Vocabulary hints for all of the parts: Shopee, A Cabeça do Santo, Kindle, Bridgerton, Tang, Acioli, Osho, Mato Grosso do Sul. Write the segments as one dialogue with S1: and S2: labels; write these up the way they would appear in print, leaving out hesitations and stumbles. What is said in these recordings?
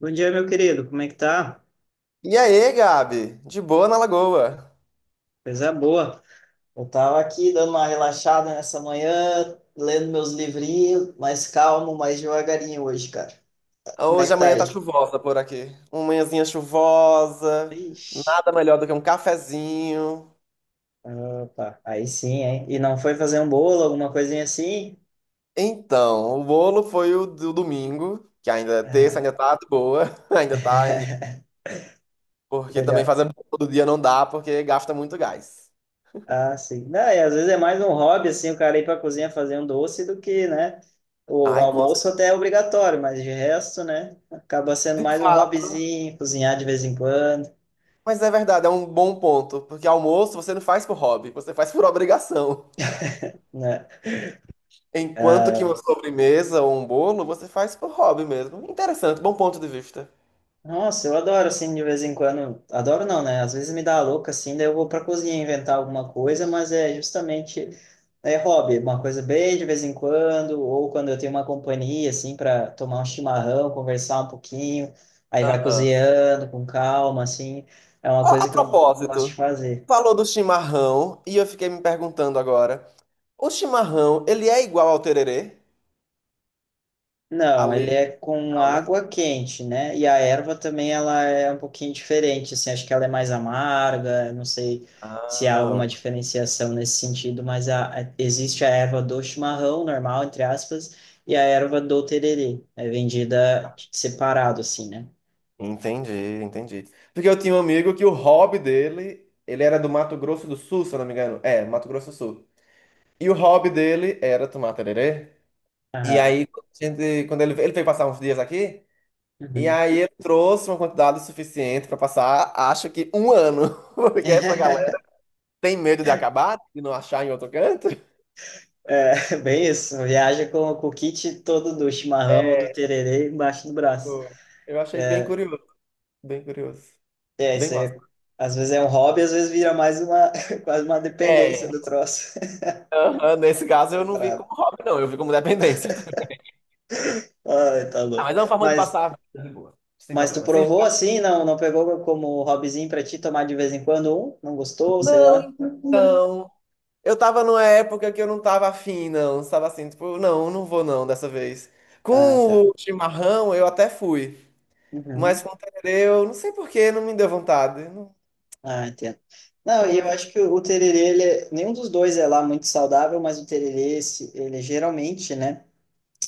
S1: Bom dia, meu querido. Como é que tá?
S2: E aí, Gabi? De boa na Lagoa.
S1: Coisa boa. Eu tava aqui dando uma relaxada nessa manhã, lendo meus livrinhos, mais calmo, mais devagarinho hoje, cara. Como é
S2: Hoje
S1: que tá
S2: amanhã tá
S1: aí?
S2: chuvosa por aqui. Uma manhãzinha chuvosa,
S1: Ixi.
S2: nada melhor do que um cafezinho.
S1: Opa, aí sim, hein? E não foi fazer um bolo, alguma coisinha assim?
S2: Então, o bolo foi o do domingo, que ainda é terça, ainda tá de boa, ainda tá
S1: Ah,
S2: em... Porque também
S1: melhor.
S2: fazer bolo todo dia não dá, porque gasta muito gás.
S1: Ah, sim. Não, e às vezes é mais um hobby, assim, o cara ir pra cozinha fazer um doce do que, né? O
S2: Ai, com
S1: almoço
S2: certeza.
S1: até é obrigatório, mas de resto, né? Acaba sendo
S2: De
S1: mais um
S2: fato.
S1: hobbyzinho, cozinhar de vez em quando,
S2: Mas é verdade, é um bom ponto, porque almoço você não faz por hobby, você faz por obrigação.
S1: né?
S2: Enquanto que
S1: Ah,
S2: uma sobremesa ou um bolo você faz por hobby mesmo. Interessante, bom ponto de vista.
S1: nossa, eu adoro, assim, de vez em quando. Adoro não, né? Às vezes me dá a louca, assim, daí eu vou pra cozinha inventar alguma coisa, mas é justamente é hobby, uma coisa bem de vez em quando, ou quando eu tenho uma companhia, assim, para tomar um chimarrão, conversar um pouquinho, aí vai
S2: Aham.
S1: cozinhando com calma, assim, é uma
S2: Ó,
S1: coisa
S2: a
S1: que eu gosto de
S2: propósito,
S1: fazer.
S2: falou do chimarrão e eu fiquei me perguntando agora, o chimarrão, ele é igual ao tererê? A
S1: Não, ele
S2: leite
S1: é
S2: e
S1: com
S2: tal, né?
S1: água quente, né? E a erva também ela é um pouquinho diferente, assim, acho que ela é mais amarga, não sei se há
S2: Ah,
S1: alguma
S2: ok.
S1: diferenciação nesse sentido, mas existe a erva do chimarrão normal, entre aspas, e a erva do tererê, é vendida separado, assim, né?
S2: Entendi, entendi. Porque eu tinha um amigo que o hobby dele, ele era do Mato Grosso do Sul, se eu não me engano. É, Mato Grosso do Sul. E o hobby dele era tomar tererê. E
S1: Aham.
S2: aí, quando ele veio passar uns dias aqui, e
S1: Uhum.
S2: aí eu trouxe uma quantidade suficiente para passar, acho que um ano, porque essa galera tem medo de acabar, de não achar em outro canto.
S1: É, bem isso, viaja com o kit todo do chimarrão ou do
S2: É,
S1: tererê embaixo do braço.
S2: pô, eu achei bem curioso, bem curioso,
S1: É,
S2: bem
S1: isso aí,
S2: massa.
S1: é, às vezes é um hobby, às vezes vira mais uma, quase uma dependência
S2: É,
S1: do troço.
S2: aham, nesse caso
S1: É
S2: eu não vi
S1: brabo.
S2: como hobby, não, eu vi como dependência.
S1: Ai, tá
S2: Ah,
S1: louco.
S2: mas é uma forma de
S1: Mas,
S2: passar a vida de boa, sem
S1: mas tu
S2: problema. Sem...
S1: provou assim, não, não pegou como hobbyzinho pra ti tomar de vez em quando um? Não gostou, sei lá?
S2: Então, eu tava numa época que eu não tava afim, não, tava assim, tipo, não, não vou não dessa vez.
S1: Ah,
S2: Com
S1: tá.
S2: o chimarrão eu até fui. Mas
S1: Uhum.
S2: com tererê, eu não sei por que, não me deu vontade. Não
S1: Ah, entendo. Não, e eu
S2: foi.
S1: acho que o tererê, nenhum dos dois é lá muito saudável, mas o tererê, ele geralmente, né,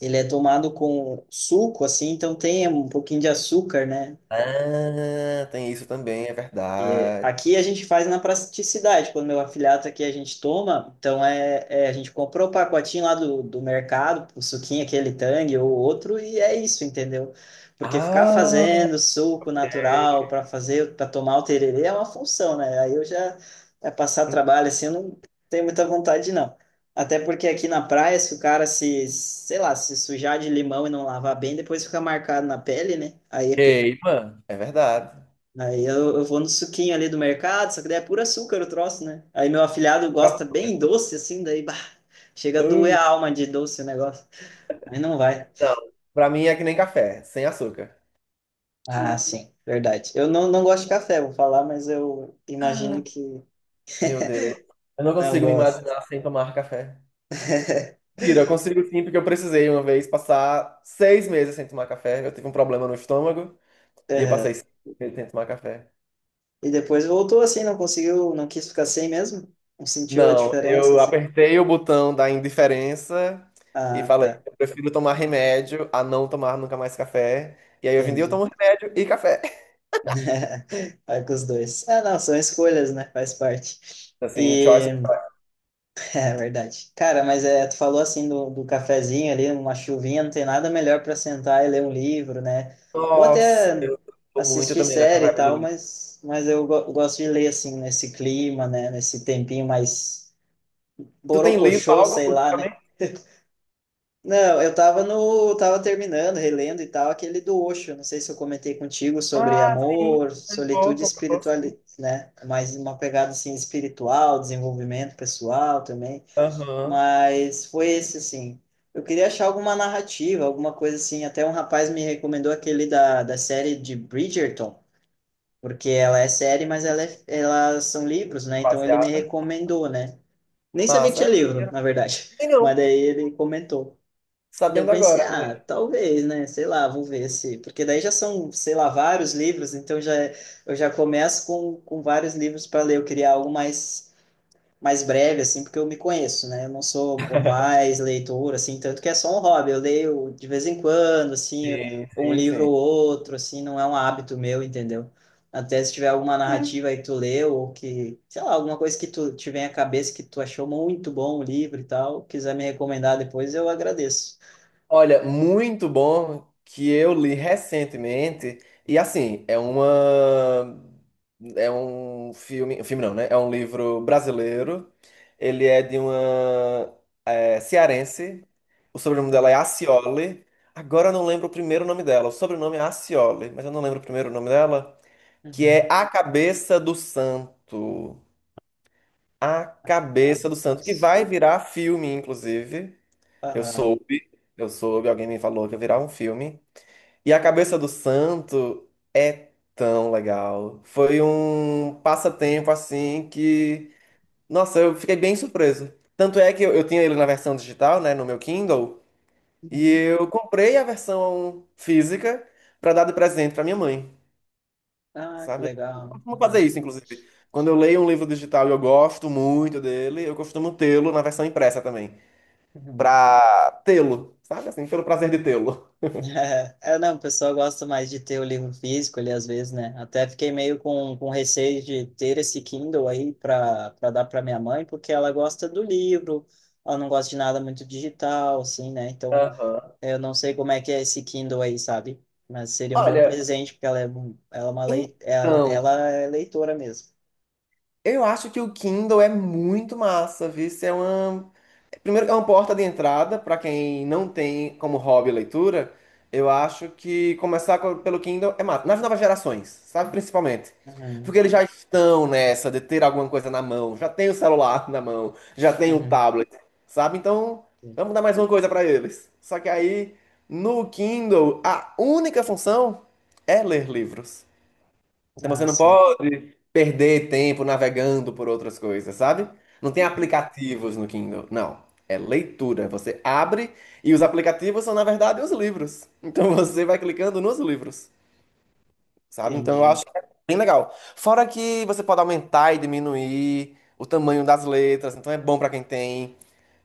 S1: ele é tomado com suco, assim, então tem um pouquinho de açúcar, né?
S2: Ah, tem isso também, é
S1: E
S2: verdade.
S1: aqui a gente faz na praticidade. Quando meu afiliado aqui a gente toma, então a gente comprou o pacotinho lá do mercado, o suquinho, aquele Tang ou outro, e é isso, entendeu? Porque ficar
S2: Ah,
S1: fazendo suco natural para fazer, para tomar o tererê é uma função, né? Aí eu já é passar trabalho assim, eu não tenho muita vontade, não. Até porque aqui na praia, se o cara se, sei lá, se sujar de limão e não lavar bem, depois fica marcado na pele, né? Aí é.
S2: queima. É verdade.
S1: Aí eu vou no suquinho ali do mercado, só que daí é puro açúcar o troço, né? Aí meu afilhado gosta bem doce, assim, daí, bah, chega a doer
S2: Uh,
S1: a alma de doce o negócio. Aí não vai.
S2: não, pra mim é que nem café, sem açúcar.
S1: Ah, sim, verdade. Eu não gosto de café, vou falar, mas eu imagino que
S2: Meu Deus, eu não
S1: não
S2: consigo me
S1: gosto.
S2: imaginar sem tomar café. Mentira, eu consigo sim, porque eu precisei uma vez passar 6 meses sem tomar café. Eu tive um problema no estômago e eu passei
S1: Aham.
S2: 6 meses sem tomar café.
S1: E depois voltou assim, não conseguiu, não quis ficar sem mesmo? Não sentiu a
S2: Não,
S1: diferença,
S2: eu
S1: assim?
S2: apertei o botão da indiferença e
S1: Ah,
S2: falei,
S1: tá,
S2: eu prefiro tomar remédio a não tomar nunca mais café. E aí hoje em dia eu
S1: entendi.
S2: tomo remédio e café.
S1: Vai com os dois. Ah, não, são escolhas, né? Faz parte.
S2: Assim, Choice,
S1: E... É verdade. Cara, mas é, tu falou assim do cafezinho ali, uma chuvinha, não tem nada melhor para sentar e ler um livro, né? Ou
S2: nossa,
S1: até
S2: eu tô muito
S1: assistir
S2: também nessa
S1: série e
S2: vibe de
S1: tal,
S2: livro.
S1: mas, mas eu gosto de ler assim, nesse clima, né? Nesse tempinho mais
S2: Tu tem lido
S1: borocochô,
S2: algo
S1: sei lá, né?
S2: ultimamente?
S1: Não, eu tava no, tava terminando, relendo e tal, aquele do Osho, não sei se eu comentei contigo sobre
S2: Ah, sim,
S1: amor, solitude e
S2: um pouco sim.
S1: espiritualidade, né? Mais uma pegada assim espiritual, desenvolvimento pessoal também.
S2: Aham,
S1: Mas foi esse, assim. Eu queria achar alguma narrativa, alguma coisa assim. Até um rapaz me recomendou aquele da série de Bridgerton, porque ela é série, mas ela é, elas são livros, né? Então ele me
S2: baseada.
S1: recomendou, né? Nem sabia que
S2: Massa,
S1: tinha
S2: não, não
S1: livro,
S2: sabia não.
S1: na verdade.
S2: E
S1: Mas
S2: não,
S1: daí ele comentou. E daí eu
S2: sabendo
S1: pensei,
S2: agora, não
S1: ah,
S2: é?
S1: talvez, né? Sei lá, vou ver se. Porque daí já são, sei lá, vários livros, então já, eu já começo com vários livros para ler. Eu queria algo mais mais breve, assim, porque eu me conheço, né? Eu não sou o mais leitor, assim, tanto que é só um hobby. Eu leio de vez em quando, assim,
S2: Sim,
S1: um
S2: sim,
S1: livro
S2: sim.
S1: ou outro, assim, não é um hábito meu, entendeu? Até se tiver alguma narrativa aí que tu leu, ou que, sei lá, alguma coisa que tu tiver à cabeça que tu achou muito bom o livro e tal, quiser me recomendar depois, eu agradeço.
S2: Olha, muito bom que eu li recentemente. E assim, é uma. É um filme. Filme não, né? É um livro brasileiro. Ele é de uma cearense. O sobrenome dela é Acioli. Agora eu não lembro o primeiro nome dela. O sobrenome é Acioli, mas eu não lembro o primeiro nome dela. Que é
S1: Uhum.
S2: A Cabeça do Santo. A
S1: Ah,
S2: Cabeça do Santo. Que
S1: isso.
S2: vai virar filme, inclusive. Eu
S1: Aham.
S2: soube. Eu soube, alguém me falou que ia virar um filme. E a cabeça do santo é tão legal. Foi um passatempo assim que, nossa, eu fiquei bem surpreso. Tanto é que eu tinha ele na versão digital, né, no meu Kindle, e
S1: Uhum.
S2: eu comprei a versão física pra dar de presente pra minha mãe,
S1: Ah, que
S2: sabe? Eu
S1: legal.
S2: costumo fazer
S1: Aham.
S2: isso, inclusive. Quando eu leio um livro digital e eu gosto muito dele, eu costumo tê-lo na versão impressa também,
S1: Uhum.
S2: pra tê-lo, sabe assim, pelo prazer de tê-lo.
S1: É, é, não, o pessoal gosta mais de ter o livro físico ali, às vezes, né? Até fiquei meio com receio de ter esse Kindle aí para dar para minha mãe, porque ela gosta do livro, ela não gosta de nada muito digital, assim, né? Então,
S2: Aham.
S1: eu não sei como é que é esse Kindle aí, sabe? Mas seria um bom
S2: Olha,
S1: presente, porque ela é uma lei,
S2: então.
S1: ela é leitora mesmo.
S2: Eu acho que o Kindle é muito massa, viu? Isso é uma... Primeiro, é uma porta de entrada para quem não tem como hobby leitura. Eu acho que começar pelo Kindle é massa. Nas novas gerações, sabe? Principalmente. Porque
S1: Uhum,
S2: eles já estão nessa de ter alguma coisa na mão. Já tem o celular na mão, já tem o
S1: uhum.
S2: tablet, sabe? Então,
S1: Sim.
S2: vamos dar mais uma coisa para eles. Só que aí, no Kindle, a única função é ler livros. Então você
S1: Ah,
S2: não
S1: sim.
S2: pode perder tempo navegando por outras coisas, sabe? Não tem
S1: Uhum,
S2: aplicativos no Kindle, não. É leitura. Você abre e os aplicativos são, na verdade, os livros. Então você vai clicando nos livros, sabe? Então eu
S1: entendi.
S2: acho que é bem legal. Fora que você pode aumentar e diminuir o tamanho das letras, então é bom para quem tem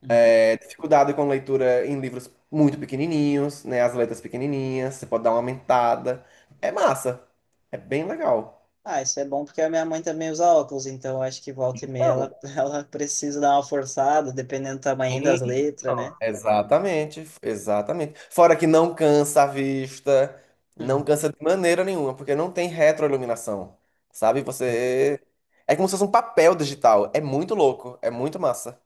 S1: Uhum.
S2: dificuldade com leitura em livros muito pequenininhos, né? As letras pequenininhas, você pode dar uma aumentada. É massa. É bem legal.
S1: Ah, isso é bom porque a minha mãe também usa óculos, então eu acho que volta e meia
S2: Então,
S1: ela, ela precisa dar uma forçada, dependendo do tamanho das letras, né?
S2: exatamente, exatamente. Fora que não cansa a vista, não
S1: Uhum.
S2: cansa de maneira nenhuma, porque não tem retroiluminação, sabe?
S1: Sim.
S2: Você. É como se fosse um papel digital. É muito louco, é muito massa.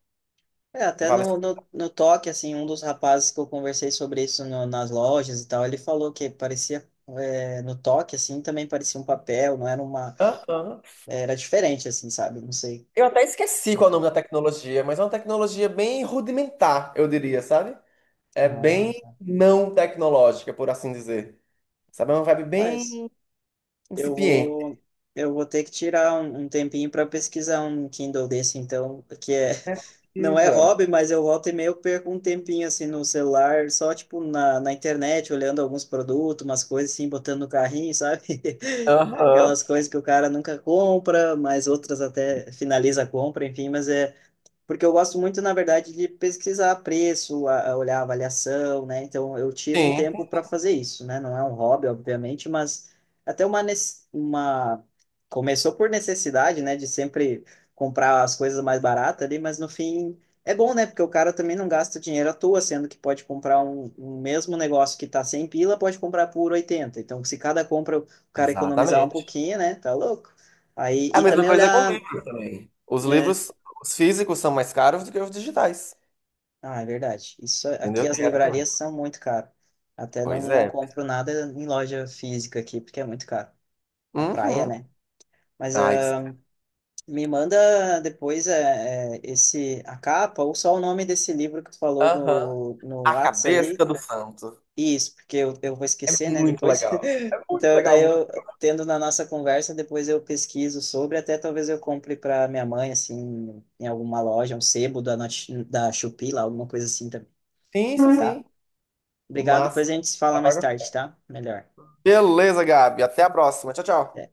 S1: É, até
S2: Vale.
S1: no toque, assim, um dos rapazes que eu conversei sobre isso nas lojas e tal, ele falou que parecia, é, no toque, assim, também parecia um papel, não era uma...
S2: Aham.
S1: Era diferente, assim, sabe? Não sei.
S2: Eu até esqueci qual é o nome da tecnologia, mas é uma tecnologia bem rudimentar, eu diria, sabe? É
S1: Ah,
S2: bem
S1: tá.
S2: não tecnológica, por assim dizer. Sabe? É uma vibe
S1: Rapaz,
S2: bem
S1: eu
S2: incipiente.
S1: vou... Eu vou ter que tirar um tempinho para pesquisar um Kindle desse, então, que é.
S2: Né?
S1: Não é
S2: Precisa.
S1: hobby, mas eu volta e meia eu perco um tempinho assim no celular, só tipo na internet, olhando alguns produtos, umas coisas assim, botando no carrinho, sabe?
S2: Aham.
S1: Aquelas coisas que o cara nunca compra, mas outras até finaliza a compra, enfim, mas é porque eu gosto muito, na verdade, de pesquisar preço, a olhar avaliação, né? Então, eu tiro um
S2: Sim,
S1: tempo para fazer isso, né? Não é um hobby, obviamente, mas até uma, uma... Começou por necessidade, né? De sempre comprar as coisas mais baratas ali, mas no fim é bom, né? Porque o cara também não gasta dinheiro à toa, sendo que pode comprar um mesmo negócio que tá 100 pila, pode comprar por 80. Então, se cada compra o cara economizar um
S2: exatamente.
S1: pouquinho, né? Tá louco. Aí,
S2: É a
S1: e
S2: mesma
S1: também
S2: coisa com
S1: olhar
S2: livros também. Os
S1: é.
S2: livros, os físicos são mais caros do que os digitais.
S1: Ah, é verdade. Isso é, aqui
S2: Entendeu?
S1: as
S2: Tem essa também.
S1: livrarias são muito caro. Até
S2: Pois
S1: não, não
S2: é.
S1: compro nada em loja física aqui, porque é muito caro. A praia,
S2: Uhum.
S1: né? Mas
S2: Ai, que... você-
S1: ah, me manda depois eh, eh, esse, a capa ou só o nome desse livro que tu falou
S2: Aham.
S1: no
S2: A
S1: Whats
S2: cabeça
S1: ali.
S2: do santo.
S1: Isso, porque eu vou
S2: É
S1: esquecer, né,
S2: muito
S1: depois.
S2: legal. É muito
S1: Então,
S2: legal,
S1: daí
S2: muito.
S1: eu, tendo na nossa conversa, depois eu pesquiso sobre, até talvez eu compre para minha mãe, assim, em alguma loja, um sebo da, da Shopee, lá, alguma coisa assim também,
S2: Sim, sim,
S1: tá?
S2: sim.
S1: Obrigado.
S2: Massa.
S1: Depois a gente se fala mais tarde, tá? Melhor.
S2: Beleza, Gabi. Até a próxima. Tchau,
S1: Até.
S2: tchau.